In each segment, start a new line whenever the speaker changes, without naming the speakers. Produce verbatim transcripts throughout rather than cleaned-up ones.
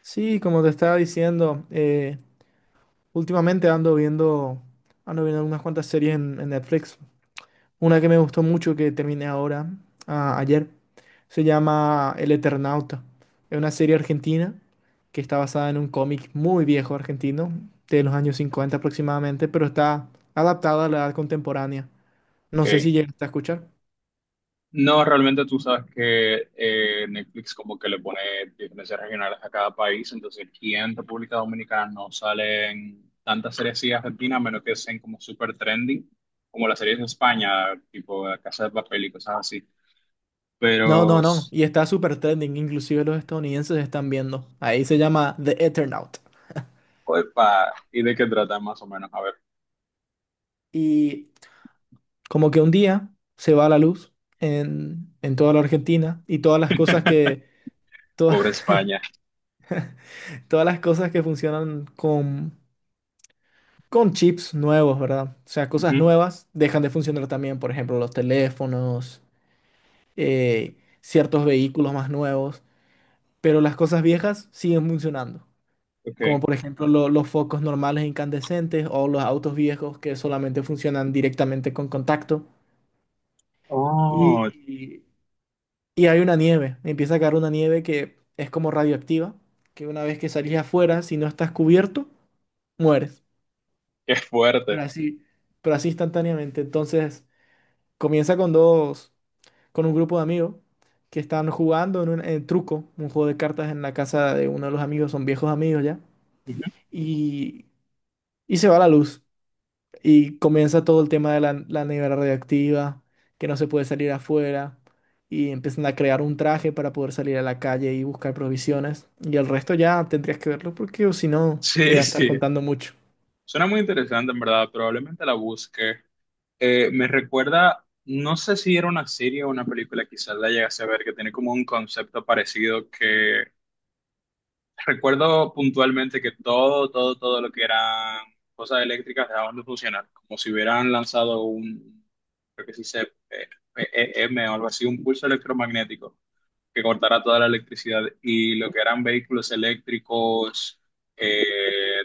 Sí, como te estaba diciendo, eh, últimamente ando viendo, ando viendo unas cuantas series en, en Netflix. Una que me gustó mucho que terminé ahora, ah, ayer, se llama El Eternauta. Es una serie argentina que está basada en un cómic muy viejo argentino, de los años cincuenta aproximadamente, pero está adaptada a la edad contemporánea. No sé si
Ok.
llegaste a escuchar.
No, realmente tú sabes que eh, Netflix como que le pone diferencias regionales a cada país, entonces aquí en República Dominicana no salen tantas series así argentinas, a menos que sean como super trending, como las series de España, tipo La Casa de Papel y cosas así.
No,
Pero,
no, no.
s-
Y está súper trending, inclusive los estadounidenses están viendo. Ahí se llama The Eternaut.
opa, ¿y de qué trata más o menos? A ver,
Y Como que un día se va la luz en, en toda la Argentina y todas las cosas que, todas,
pobre España.
todas las cosas que funcionan con, con chips nuevos, ¿verdad? O sea, cosas
Ujú,
nuevas dejan de funcionar también, por ejemplo, los teléfonos, eh, ciertos vehículos más nuevos, pero las cosas viejas siguen funcionando.
Ok.
Como por ejemplo lo- los focos normales incandescentes o los autos viejos que solamente funcionan directamente con contacto.
Oh,
Y Y hay una nieve, empieza a caer una nieve que es como radioactiva, que una vez que salís afuera, si no estás cubierto, mueres.
qué
Pero
fuerte.
así, pero así instantáneamente. Entonces, comienza con dos, con un grupo de amigos que están jugando en un en truco, un juego de cartas en la casa de uno de los amigos, son viejos amigos ya,
Ujú.
y, y se va la luz. Y comienza todo el tema de la, la nevera radioactiva, que no se puede salir afuera. Y empiezan a crear un traje para poder salir a la calle y buscar provisiones. Y el resto ya tendrías que verlo porque o si no, te voy a
Sí,
estar
sí.
contando mucho.
Suena muy interesante, en verdad. Probablemente la busque. Eh, me recuerda, no sé si era una serie o una película, quizás la llegase a ver, que tiene como un concepto parecido que recuerdo puntualmente que todo, todo, todo lo que eran cosas eléctricas dejaban de funcionar, como si hubieran lanzado un, creo que se dice, eh, P E M o algo así, un pulso electromagnético que cortara toda la electricidad y lo que eran vehículos eléctricos, eh,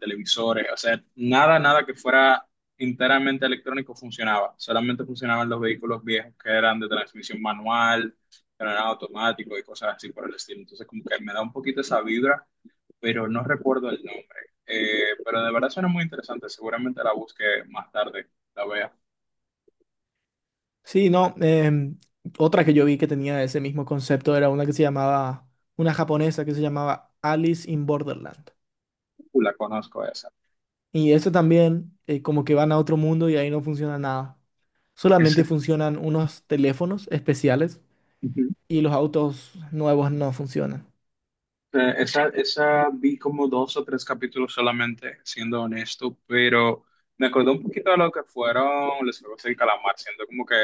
televisores, o sea, nada, nada que fuera enteramente electrónico funcionaba. Solamente funcionaban los vehículos viejos que eran de transmisión manual, que no eran automáticos y cosas así por el estilo. Entonces, como que me da un poquito esa vibra, pero no recuerdo el nombre. Eh, pero de verdad suena muy interesante. Seguramente la busque más tarde, la vea.
Sí, no. Em, otra que yo vi que tenía ese mismo concepto era una que se llamaba, una japonesa que se llamaba Alice in Borderland.
Uh, la conozco esa.
Y eso también, eh, como que van a otro mundo y ahí no funciona nada. Solamente
Esa.
funcionan unos teléfonos especiales y los autos nuevos no funcionan.
Eh, esa, esa vi como dos o tres capítulos solamente, siendo honesto, pero me acordó un poquito de lo que fueron los Juegos del Calamar, siendo como que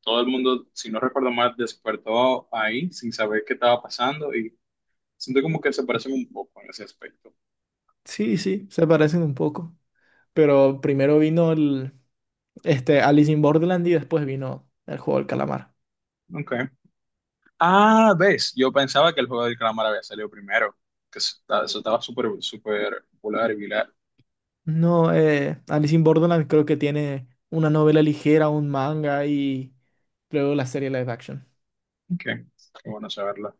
todo el mundo, si no recuerdo mal, despertó ahí sin saber qué estaba pasando y siento como que se parecen un poco en ese aspecto.
Sí, sí. Se parecen un poco, pero primero vino el, este, Alice in Borderland y después vino el juego del calamar.
Okay. Ah, ves, yo pensaba que el Juego del Calamar había salido primero, que eso, está- eso estaba súper, súper popular y viral.
No, eh, Alice in Borderland creo que tiene una novela ligera, un manga y luego la serie live action.
Okay. Qué bueno saberlo.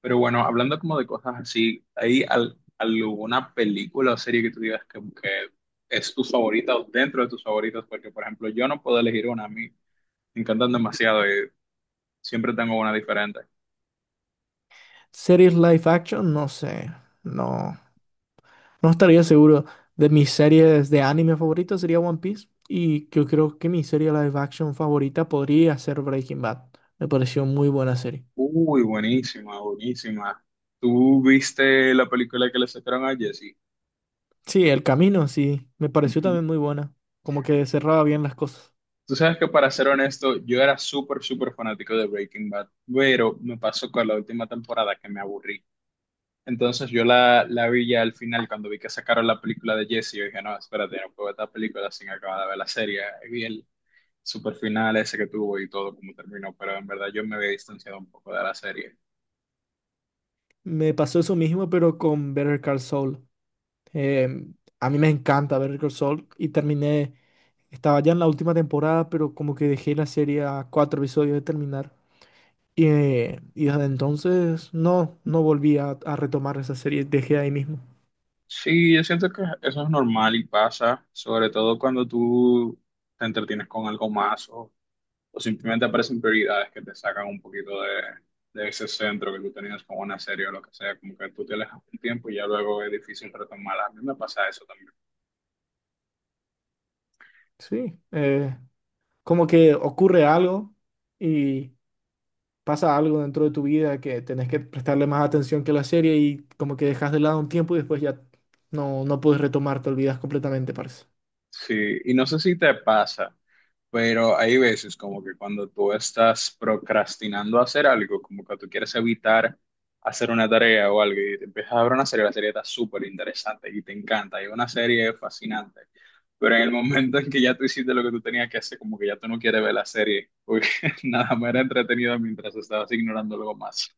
Pero bueno, hablando como de cosas así, ¿hay al- alguna película o serie que tú digas que, que es tu favorita o dentro de tus favoritas? Porque, por ejemplo, yo no puedo elegir una, a mí me encantan demasiado y siempre tengo una diferente.
Series live action, no sé, no, no estaría seguro. De mis series de anime favoritas sería One Piece y yo creo que mi serie live action favorita podría ser Breaking Bad. Me pareció muy buena serie.
Uy, buenísima, buenísima. ¿Tú viste la película que le sacaron a Jesse?
Sí, El Camino, sí, me pareció
Ujú.
también muy buena, como que cerraba bien las cosas.
Tú sabes que para ser honesto, yo era súper, súper fanático de Breaking Bad, pero me pasó con la última temporada que me aburrí. Entonces yo la, la vi ya al final cuando vi que sacaron la película de Jesse, yo dije, no, espérate, no puedo ver esta película sin acabar de ver la serie. Y vi el super final ese que tuvo y todo como terminó, pero en verdad yo me había distanciado un poco de la serie.
Me pasó eso mismo, pero con Better Call Saul. Eh, a mí me encanta Better Call Saul y terminé, estaba ya en la última temporada, pero como que dejé la serie a cuatro episodios de terminar. Y, eh, y desde entonces no, no volví a, a retomar esa serie, dejé ahí mismo.
Sí, yo siento que eso es normal y pasa, sobre todo cuando tú te entretienes con algo más o, o simplemente aparecen prioridades que te sacan un poquito de, de ese centro que tú tenías con una serie o lo que sea, como que tú te alejas un tiempo y ya luego es difícil retomarla. A mí me pasa eso también.
Sí, eh, como que ocurre algo y pasa algo dentro de tu vida que tenés que prestarle más atención que la serie y como que dejas de lado un tiempo y después ya no, no puedes retomar, te olvidas completamente, parce.
Sí, y no sé si te pasa, pero hay veces como que cuando tú estás procrastinando hacer algo, como que tú quieres evitar hacer una tarea o algo, y te empiezas a ver una serie, la serie está súper interesante y te encanta, y una serie es fascinante, pero en el momento en que ya tú hiciste lo que tú tenías que hacer, como que ya tú no quieres ver la serie, porque nada más era entretenida mientras estabas ignorando algo más.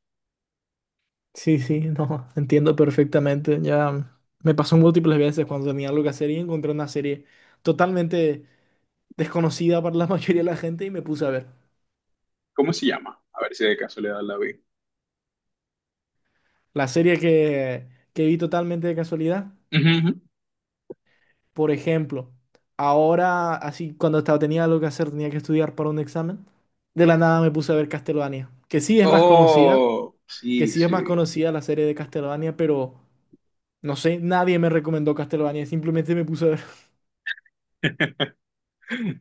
Sí, sí, no, entiendo perfectamente. Ya me pasó múltiples veces cuando tenía algo que hacer y encontré una serie totalmente desconocida para la mayoría de la gente y me puse a ver.
¿Cómo se llama? A ver si de casualidad la vi.
La serie que, que vi totalmente de casualidad.
Ujú, ujú.
Por ejemplo, ahora, así cuando estaba, tenía algo que hacer, tenía que estudiar para un examen, de la nada me puse a ver Castlevania, que sí es más conocida,
Oh,
que
sí,
sí es más
sí,
conocida la serie de Castlevania, pero no sé, nadie me recomendó Castlevania, simplemente me puse a ver.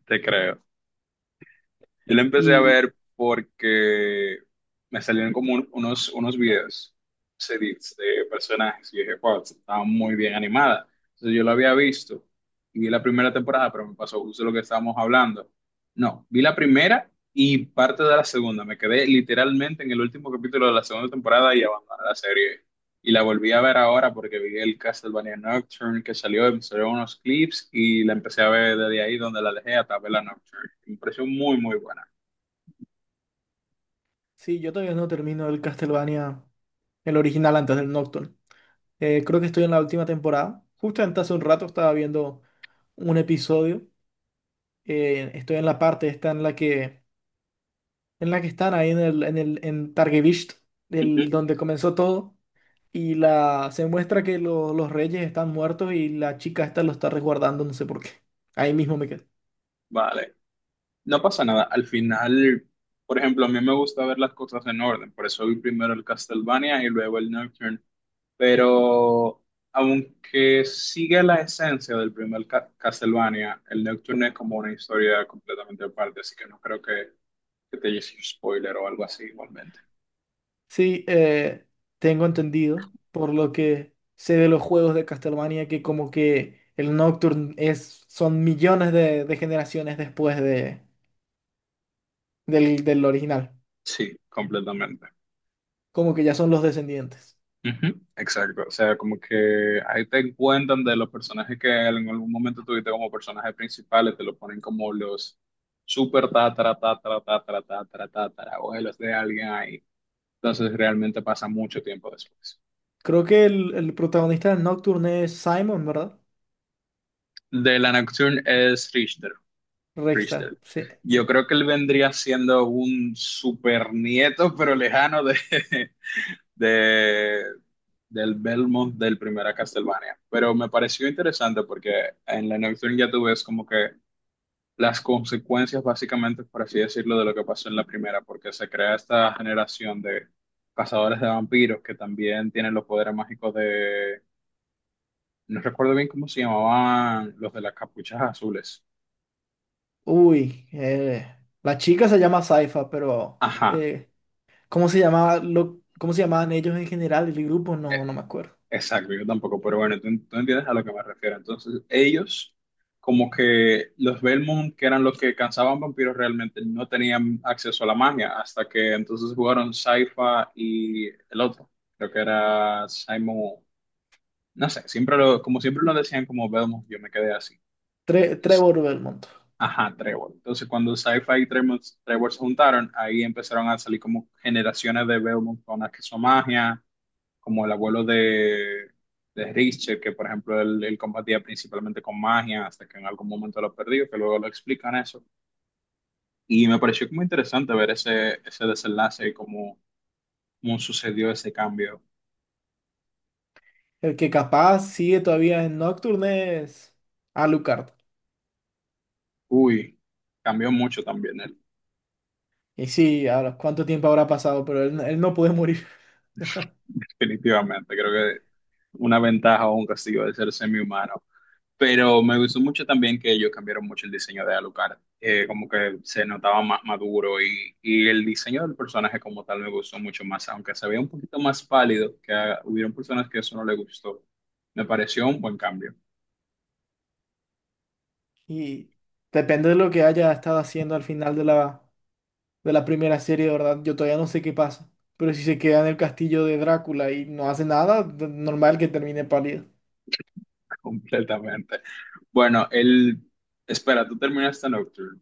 te creo. Yo la empecé a
Y
ver porque me salieron como un- unos, unos videos, se dice, de personajes. Y yo dije, wow, estaba muy bien animada. Entonces yo la había visto y vi la primera temporada, pero me pasó justo lo que estábamos hablando. No, vi la primera y parte de la segunda. Me quedé literalmente en el último capítulo de la segunda temporada y abandoné la serie. Y la volví a ver ahora porque vi el Castlevania Nocturne que salió, me salieron unos clips y la empecé a ver desde ahí donde la dejé hasta ver la Nocturne. Me pareció muy, muy buena.
sí, yo todavía no termino el Castlevania, el original antes del Nocturne. Eh, creo que estoy en la última temporada. Justamente hace un rato estaba viendo un episodio. Eh, estoy en la parte esta en la que en la que están ahí en el, en el en Targevisht,
Ujú.
el, donde comenzó todo, y la, se muestra que lo- los reyes están muertos y la chica esta lo está resguardando, no sé por qué. Ahí mismo me quedé.
Vale, no pasa nada. Al final, por ejemplo, a mí me gusta ver las cosas en orden, por eso vi primero el Castlevania y luego el Nocturne. Pero aunque sigue la esencia del primer Ca- Castlevania, el Nocturne es como una historia completamente aparte, así que no creo que, que te hiciese un spoiler o algo así igualmente.
Sí, eh, tengo entendido, por lo que sé de los juegos de Castlevania, que como que el Nocturne es, son millones de, de generaciones después de, del, del original,
Sí, completamente.
como que ya son los descendientes.
Ujú, exacto, o sea, como que ahí te encuentran de los personajes que en algún momento tuviste como personajes principales, te lo ponen como los super tatara, tatara, tatara, tatara, tatara, abuelos de alguien ahí. Entonces realmente pasa mucho tiempo después.
Creo que el, el protagonista del Nocturne es Simon, ¿verdad?
De la Nocturne es Richter,
Rexta,
Richter.
sí.
Yo creo que él vendría siendo un super nieto, pero lejano de, de, del Belmont del primera Castlevania. Pero me pareció interesante porque en la Nocturne ya tú ves como que las consecuencias, básicamente, por así decirlo, de lo que pasó en la primera, porque se crea esta generación de cazadores de vampiros que también tienen los poderes mágicos de. No recuerdo bien cómo se llamaban los de las capuchas azules.
Uy, eh, la chica se llama Saifa, pero
Ajá.
eh, ¿cómo se llamaba lo, cómo se llamaban ellos en general, el grupo? No, no me acuerdo.
Exacto, yo tampoco, pero bueno, tú, tú entiendes a lo que me refiero. Entonces, ellos, como que los Belmont, que eran los que cansaban vampiros, realmente no tenían acceso a la magia, hasta que entonces jugaron Sypha y el otro, creo que era Simon, no sé, siempre lo, como siempre lo decían como Belmont, yo me quedé así.
Tre-
Entonces,
Trevor Belmont.
ajá, Trevor. Entonces, cuando Sypha y Tremor- Trevor, se juntaron, ahí empezaron a salir como generaciones de Belmont con acceso a magia como el abuelo de, de Richter, que por ejemplo él, él combatía principalmente con magia, hasta que en algún momento lo perdió, que luego lo explican eso. Y me pareció como interesante ver ese, ese desenlace y cómo, cómo sucedió ese cambio.
El que capaz sigue todavía en Nocturne es Alucard.
Uy, cambió mucho también él,
Y sí, ahora, ¿cuánto tiempo habrá pasado? Pero él, él no puede morir.
definitivamente. Creo que una ventaja o un castigo de ser semi-humano. Pero me gustó mucho también que ellos cambiaron mucho el diseño de Alucard. Eh, como que se notaba más maduro y, y el diseño del personaje como tal me gustó mucho más, aunque se veía un poquito más pálido, que ah, hubieron personas que eso no les gustó. Me pareció un buen cambio,
Y depende de lo que haya estado haciendo al final de la, de la primera serie, de verdad. Yo todavía no sé qué pasa. Pero si se queda en el castillo de Drácula y no hace nada, d- normal que termine pálido.
completamente. Bueno, el... Espera, tú terminaste Nocturne.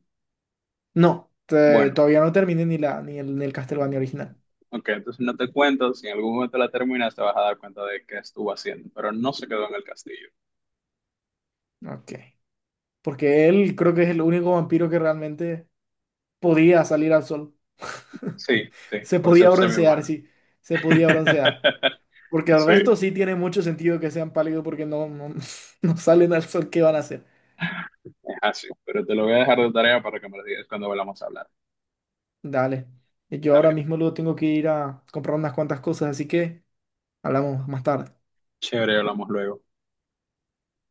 No, te-
Bueno,
todavía no terminé ni la ni el, ni el Castlevania original.
ok, entonces no te cuento, si en algún momento la terminas te vas a dar cuenta de qué estuvo haciendo, pero no se quedó en el castillo.
Ok. Porque él creo que es el único vampiro que realmente podía salir al sol.
Sí, sí,
Se
por
podía
ser
broncear,
semi-humano.
sí. Se podía broncear. Porque el
Sí.
resto sí tiene mucho sentido que sean pálidos porque no, no, no salen al sol. ¿Qué van a hacer?
Es así, pero te lo voy a dejar de tarea para que me lo digas cuando volvamos a hablar.
Dale. Yo
Está
ahora
bien,
mismo luego tengo que ir a comprar unas cuantas cosas, así que hablamos más tarde.
chévere, hablamos luego.